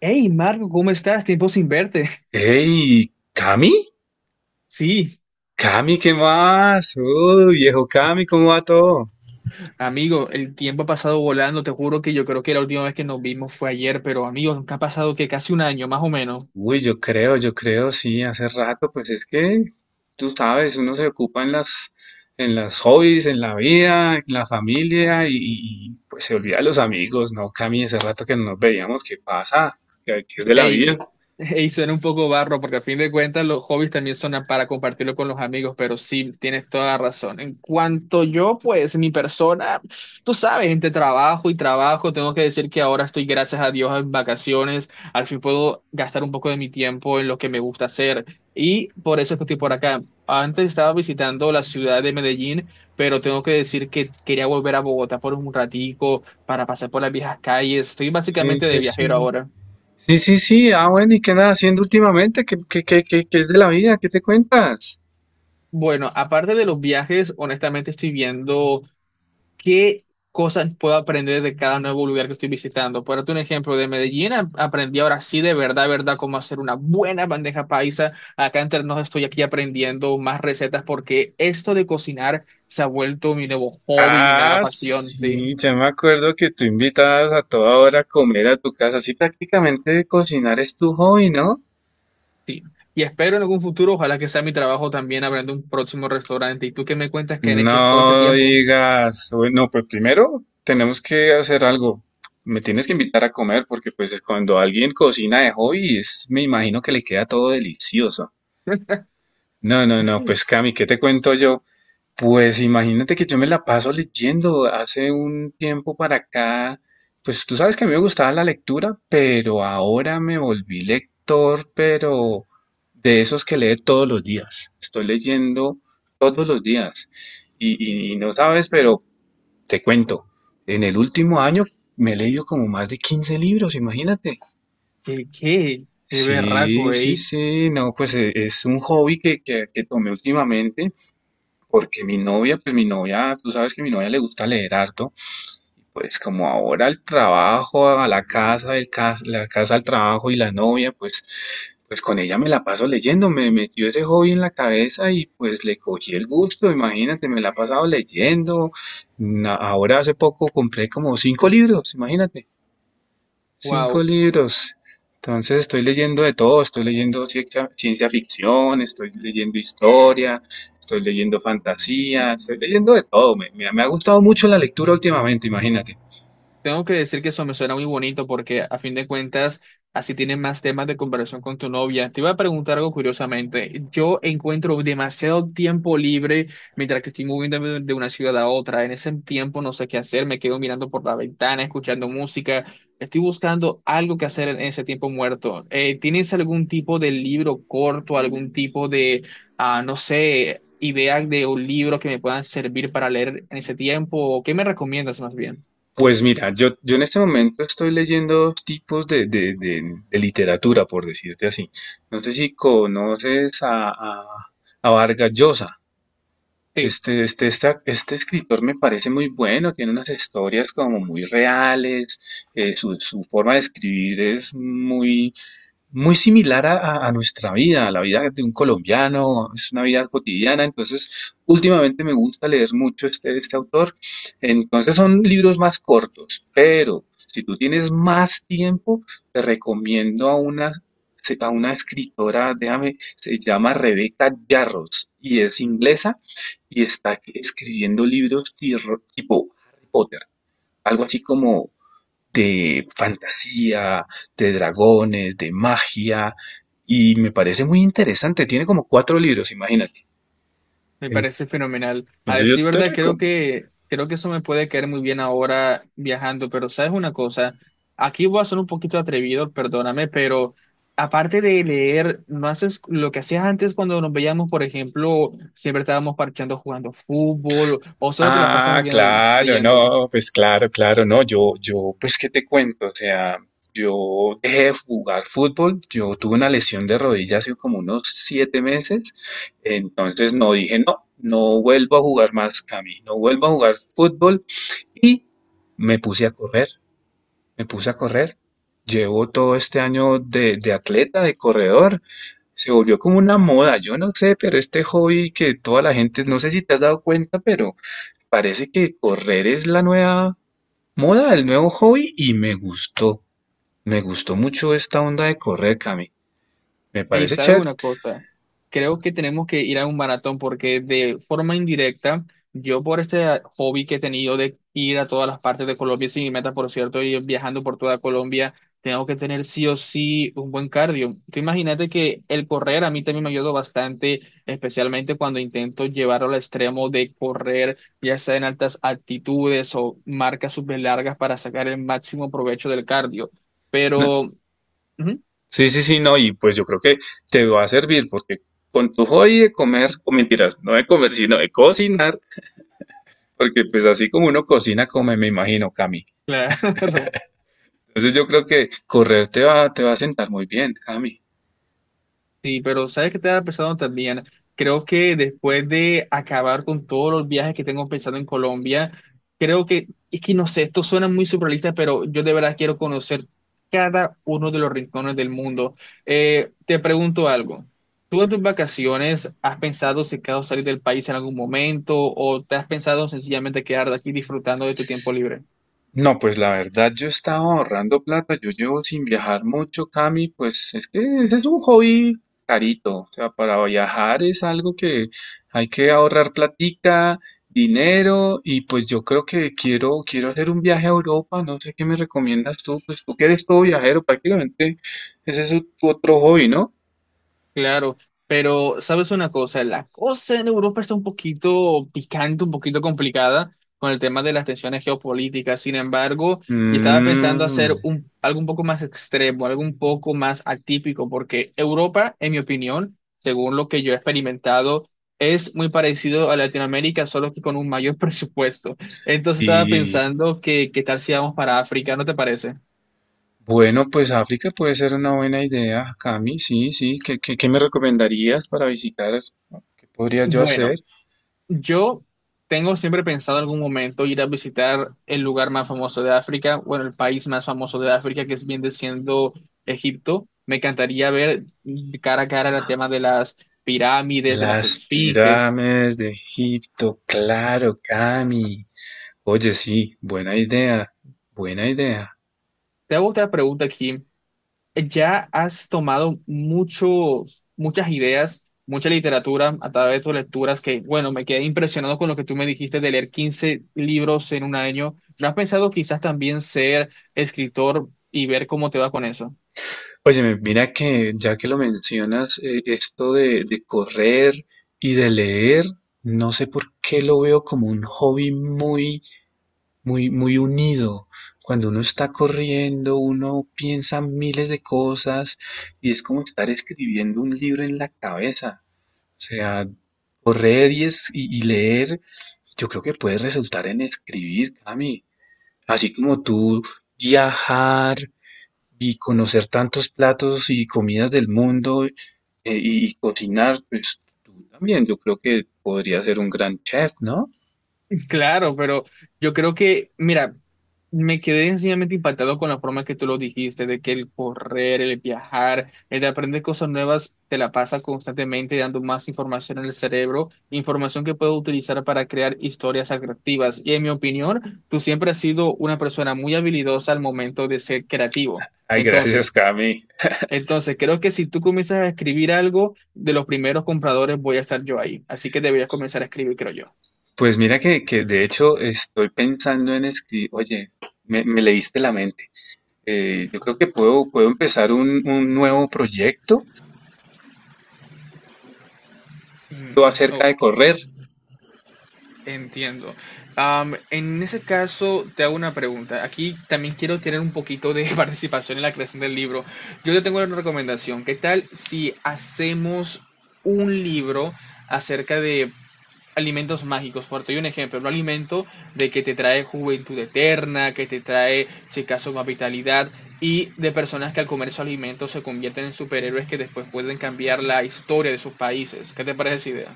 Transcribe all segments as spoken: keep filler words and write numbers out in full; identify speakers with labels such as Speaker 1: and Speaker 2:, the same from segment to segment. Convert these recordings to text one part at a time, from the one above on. Speaker 1: Hey, Marco, ¿cómo estás? Tiempo sin verte.
Speaker 2: Hey, Cami,
Speaker 1: Sí,
Speaker 2: Cami, ¿qué más? Uy, viejo Cami, ¿cómo va todo?
Speaker 1: amigo, el tiempo ha pasado volando. Te juro que yo creo que la última vez que nos vimos fue ayer, pero amigo, nunca ha pasado que casi un año, más o menos.
Speaker 2: Uy, yo creo, yo creo, sí, hace rato, pues es que tú sabes, uno se ocupa en las, en las hobbies, en la vida, en la familia y, y- y, pues se olvida de los amigos, ¿no? Cami, hace rato que no nos veíamos, ¿qué pasa? ¿Qué, qué es de la vida?
Speaker 1: Ey, ey, suena un poco barro porque a fin de cuentas los hobbies también son para compartirlo con los amigos, pero sí, tienes toda la razón. En cuanto yo, pues mi persona, tú sabes, entre trabajo y trabajo, tengo que decir que ahora estoy, gracias a Dios, en vacaciones. Al fin puedo gastar un poco de mi tiempo en lo que me gusta hacer y por eso es que estoy por acá. Antes estaba visitando la ciudad de Medellín, pero tengo que decir que quería volver a Bogotá por un ratico para pasar por las viejas calles. Estoy
Speaker 2: Sí,
Speaker 1: básicamente de
Speaker 2: sí,
Speaker 1: viajero
Speaker 2: sí.
Speaker 1: ahora.
Speaker 2: Sí, sí, sí, ah, bueno, ¿y qué andas haciendo últimamente? ¿Qué, qué, qué, qué, qué es de la vida? ¿Qué te cuentas?
Speaker 1: Bueno, aparte de los viajes, honestamente estoy viendo qué cosas puedo aprender de cada nuevo lugar que estoy visitando. Por darte un ejemplo, de Medellín a- aprendí ahora sí de verdad, verdad, cómo hacer una buena bandeja paisa. Acá en Ternos estoy aquí aprendiendo más recetas porque esto de cocinar se ha vuelto mi nuevo hobby, mi nueva
Speaker 2: Ah,
Speaker 1: pasión, sí,
Speaker 2: sí, ya me acuerdo que tú invitabas a toda hora a comer a tu casa. Así prácticamente cocinar es tu hobby, ¿no?
Speaker 1: sí. Y espero en algún futuro, ojalá que sea mi trabajo también abriendo un próximo restaurante. ¿Y tú qué me cuentas que han hecho todo este
Speaker 2: No
Speaker 1: tiempo?
Speaker 2: digas, bueno, pues primero tenemos que hacer algo. Me tienes que invitar a comer porque pues cuando alguien cocina de hobby, es, me imagino que le queda todo delicioso. No, no, no, pues Cami, ¿qué te cuento yo? Pues imagínate que yo me la paso leyendo hace un tiempo para acá. Pues tú sabes que a mí me gustaba la lectura, pero ahora me volví lector, pero de esos que lee todos los días. Estoy leyendo todos los días. Y, y- y no sabes, pero te cuento, en el último año me he leído como más de quince libros, imagínate.
Speaker 1: ¿Qué, qué, qué berraco,
Speaker 2: Sí, sí,
Speaker 1: eh?
Speaker 2: sí, no, pues e- es un hobby que, que, que tomé últimamente porque mi novia, pues mi novia, tú sabes que a mi novia le gusta leer harto, pues como ahora el trabajo, a la casa, el ca- la casa al trabajo y la novia, pues, pues con ella me la paso leyendo, me metió ese hobby en la cabeza y pues le cogí el gusto, imagínate, me la he pasado leyendo. Na- Ahora hace poco compré como cinco libros, imagínate. Cinco
Speaker 1: Wow.
Speaker 2: libros. Entonces estoy leyendo de todo, estoy leyendo ciencia, ciencia ficción, estoy leyendo historia, estoy leyendo fantasía, estoy leyendo de todo. Me, me- me ha gustado mucho la lectura últimamente, imagínate.
Speaker 1: Tengo que decir que eso me suena muy bonito porque a fin de cuentas así tienes más temas de conversación con tu novia. Te iba a preguntar algo curiosamente. Yo encuentro demasiado tiempo libre mientras que estoy moviéndome de de una ciudad a otra. En ese tiempo no sé qué hacer, me quedo mirando por la ventana, escuchando música. Estoy buscando algo que hacer en ese tiempo muerto. Eh, ¿tienes algún tipo de libro corto, algún tipo de, ah, no sé, idea de un libro que me puedan servir para leer en ese tiempo? ¿O qué me recomiendas más bien?
Speaker 2: Pues mira, yo, yo en este momento estoy leyendo dos tipos de, de- de- de literatura, por decirte así. No sé si conoces a, a, a Vargas Llosa.
Speaker 1: Sí.
Speaker 2: Este, este, esta- este escritor me parece muy bueno, tiene unas historias como muy reales, eh, su, su forma de escribir es muy, muy similar a, a- a nuestra vida, a la vida de un colombiano, es una vida cotidiana. Entonces, últimamente me gusta leer mucho este, este autor. Entonces, son libros más cortos, pero si tú tienes más tiempo, te recomiendo a una, se- a una escritora, déjame, se llama Rebecca Yarros y es inglesa y está escribiendo libros tirro- tipo Harry Potter, algo así como de fantasía, de dragones, de magia, y me parece muy interesante. Tiene como cuatro libros, imagínate.
Speaker 1: Me parece fenomenal. A
Speaker 2: Entonces yo
Speaker 1: decir
Speaker 2: te
Speaker 1: verdad, creo
Speaker 2: recomiendo.
Speaker 1: que, creo que eso me puede caer muy bien ahora viajando, pero ¿sabes una cosa? Aquí voy a ser un poquito atrevido, perdóname, pero aparte de leer, ¿no haces lo que hacías antes cuando nos veíamos, por ejemplo, siempre estábamos parchando jugando fútbol o solo te la pasas
Speaker 2: Ah,
Speaker 1: viendo,
Speaker 2: claro,
Speaker 1: leyendo?
Speaker 2: no, pues claro, claro, no, yo, yo, pues qué te cuento, o sea, yo dejé de jugar fútbol, yo tuve una lesión de rodilla hace como unos siete meses, entonces no dije, no, no vuelvo a jugar más, Cami, no vuelvo a jugar fútbol y me puse a correr, me puse a correr. Llevo todo este año de, de atleta, de corredor. Se volvió como una moda, yo no sé, pero este hobby que toda la gente, no sé si te has dado cuenta, pero parece que correr es la nueva moda, el nuevo hobby y me gustó. Me gustó mucho esta onda de correr, Cami. Me
Speaker 1: Ey,
Speaker 2: parece
Speaker 1: ¿sabes
Speaker 2: chévere.
Speaker 1: una cosa? Creo que tenemos que ir a un maratón porque de forma indirecta, yo por este hobby que he tenido de ir a todas las partes de Colombia, sin mi meta, por cierto, y viajando por toda Colombia, tengo que tener sí o sí un buen cardio. Tú imagínate que el correr a mí también me ayudó bastante, especialmente cuando intento llevarlo al extremo de correr, ya sea en altas altitudes o marcas súper largas para sacar el máximo provecho del cardio.
Speaker 2: No,
Speaker 1: Pero, ujú,
Speaker 2: sí, sí, sí, no, y pues yo creo que te va a servir porque con tu hobby de comer, o mentiras, no de comer, sino de cocinar, porque pues así como uno cocina, come, me imagino, Cami.
Speaker 1: claro,
Speaker 2: Entonces yo creo que correr te va, te va a sentar muy bien, Cami.
Speaker 1: Sí, pero ¿sabes qué estaba pensando también? Creo que después de acabar con todos los viajes que tengo pensado en Colombia, creo que, es que no sé, esto suena muy surrealista, pero yo de verdad quiero conocer cada uno de los rincones del mundo. Eh, te pregunto algo. ¿Tú en tus vacaciones has pensado si acaso salir del país en algún momento o te has pensado sencillamente quedar aquí disfrutando de tu tiempo libre?
Speaker 2: No, pues la verdad yo estaba ahorrando plata, yo llevo sin viajar mucho, Cami, pues es que ese es un hobby carito, o sea, para viajar es algo que hay que ahorrar platica, dinero y pues yo creo que quiero, quiero hacer un viaje a Europa, no sé qué me recomiendas tú, pues tú que eres todo viajero prácticamente, ese es tu otro hobby, ¿no?
Speaker 1: Claro, pero sabes una cosa, la cosa en Europa está un poquito picante, un poquito complicada con el tema de las tensiones geopolíticas. Sin embargo, yo estaba pensando
Speaker 2: Mmm,
Speaker 1: hacer un, algo un poco más extremo, algo un poco más atípico, porque Europa, en mi opinión, según lo que yo he experimentado, es muy parecido a Latinoamérica, solo que con un mayor presupuesto. Entonces estaba
Speaker 2: sí.
Speaker 1: pensando que qué tal si vamos para África, ¿no te parece?
Speaker 2: Bueno, pues África puede ser una buena idea, Cami. Sí, sí. ¿Qué, qué, qué me recomendarías para visitar? ¿Qué podría yo hacer?
Speaker 1: Bueno. Yo tengo siempre pensado en algún momento ir a visitar el lugar más famoso de África, bueno, el país más famoso de África, que es bien siendo Egipto. Me encantaría ver cara a cara el tema de las pirámides, de las
Speaker 2: Las
Speaker 1: esfinges.
Speaker 2: pirámides de Egipto, claro, Cami. Oye, sí, buena idea, buena idea.
Speaker 1: Te hago otra pregunta aquí. Ya has tomado muchos, muchas ideas, mucha literatura a través de tus lecturas que, bueno, me quedé impresionado con lo que tú me dijiste de leer quince libros en un año. ¿No has pensado quizás también ser escritor y ver cómo te va con eso?
Speaker 2: Oye, mira que ya que lo mencionas, eh, esto de, de correr y de leer, no sé por qué lo veo como un hobby muy muy, muy unido. Cuando uno está corriendo, uno piensa miles de cosas y es como estar escribiendo un libro en la cabeza. O sea, correr y, es- y- y leer, yo creo que puede resultar en escribir, Cami. Así como tú viajar y conocer tantos platos y comidas del mundo eh, y, y cocinar, pues tú también, yo creo que podría ser un gran chef, ¿no?
Speaker 1: Claro, pero yo creo que, mira, me quedé sencillamente impactado con la forma que tú lo dijiste, de que el correr, el viajar, el de aprender cosas nuevas, te la pasa constantemente dando más información en el cerebro, información que puedo utilizar para crear historias atractivas. Y en mi opinión, tú siempre has sido una persona muy habilidosa al momento de ser creativo.
Speaker 2: Ay, gracias,
Speaker 1: Entonces,
Speaker 2: Cami.
Speaker 1: entonces creo que si tú comienzas a escribir algo, de los primeros compradores voy a estar yo ahí. Así que deberías comenzar a escribir, creo yo.
Speaker 2: Pues mira que, que de hecho estoy pensando en escribir, oye, me, me leíste la mente. Eh, yo creo que puedo, puedo empezar un, un nuevo proyecto todo acerca
Speaker 1: Mm,
Speaker 2: de correr.
Speaker 1: entiendo. Am, en ese caso, te hago una pregunta. Aquí también quiero tener un poquito de participación en la creación del libro. Yo te tengo una recomendación. ¿Qué tal si hacemos un libro acerca de alimentos mágicos? Por te doy un ejemplo, un alimento de que te trae juventud eterna, que te trae, si acaso, más vitalidad, y de personas que al comer esos alimentos se convierten en superhéroes que después pueden cambiar la historia de sus países. ¿Qué te parece esa idea?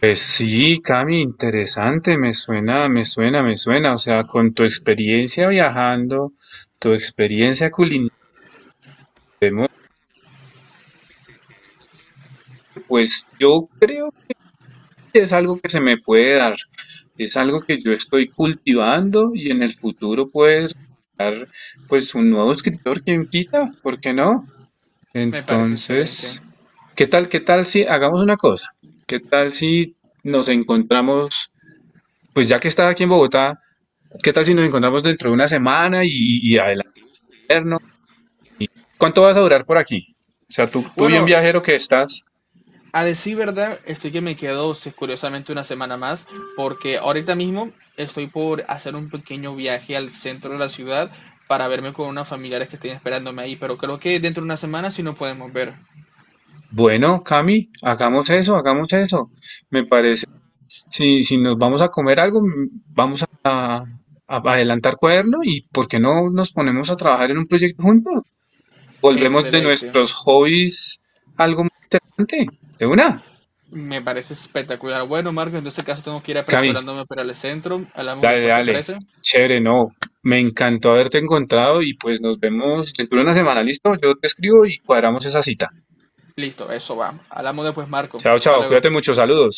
Speaker 2: Pues sí, Cami, interesante, me suena, me suena, me suena. O sea, con tu experiencia viajando, tu experiencia culinaria, pues yo es algo que se me puede dar, es algo que yo estoy cultivando y en el futuro puede resultar pues un nuevo escritor, quien quita, ¿por qué no?
Speaker 1: Me parece excelente.
Speaker 2: Entonces, ¿qué tal, qué tal si hagamos una cosa? ¿Qué tal si nos encontramos, pues ya que estás aquí en Bogotá, ¿qué tal si nos encontramos dentro de una semana y, y adelante? Vernos? ¿Cuánto vas a durar por aquí? O sea, tú, tú bien
Speaker 1: Bueno,
Speaker 2: viajero que estás.
Speaker 1: a decir verdad, estoy que me quedo sí, curiosamente una semana más, porque ahorita mismo estoy por hacer un pequeño viaje al centro de la ciudad para verme con unos familiares que estén esperándome ahí, pero creo que dentro de una semana sí nos podemos ver.
Speaker 2: Bueno, Cami, hagamos eso, hagamos eso. Me parece Si, si nos vamos a comer algo, mm, vamos a, a adelantar cuaderno y ¿por qué no nos ponemos a trabajar en un proyecto juntos? Volvemos de
Speaker 1: Excelente,
Speaker 2: nuestros hobbies algo más interesante. De una,
Speaker 1: me parece espectacular. Bueno, Marco, en ese caso tengo que ir
Speaker 2: Cami,
Speaker 1: apresurándome para el centro. Hablamos
Speaker 2: dale,
Speaker 1: después, ¿te
Speaker 2: dale.
Speaker 1: parece?
Speaker 2: Chévere, no. Me encantó haberte encontrado y pues nos vemos dentro de una semana, ¿listo? Yo te escribo y cuadramos esa cita.
Speaker 1: Listo, eso va. Hablamos después, Marco.
Speaker 2: Chao,
Speaker 1: Hasta
Speaker 2: chao,
Speaker 1: luego.
Speaker 2: cuídate mucho, saludos.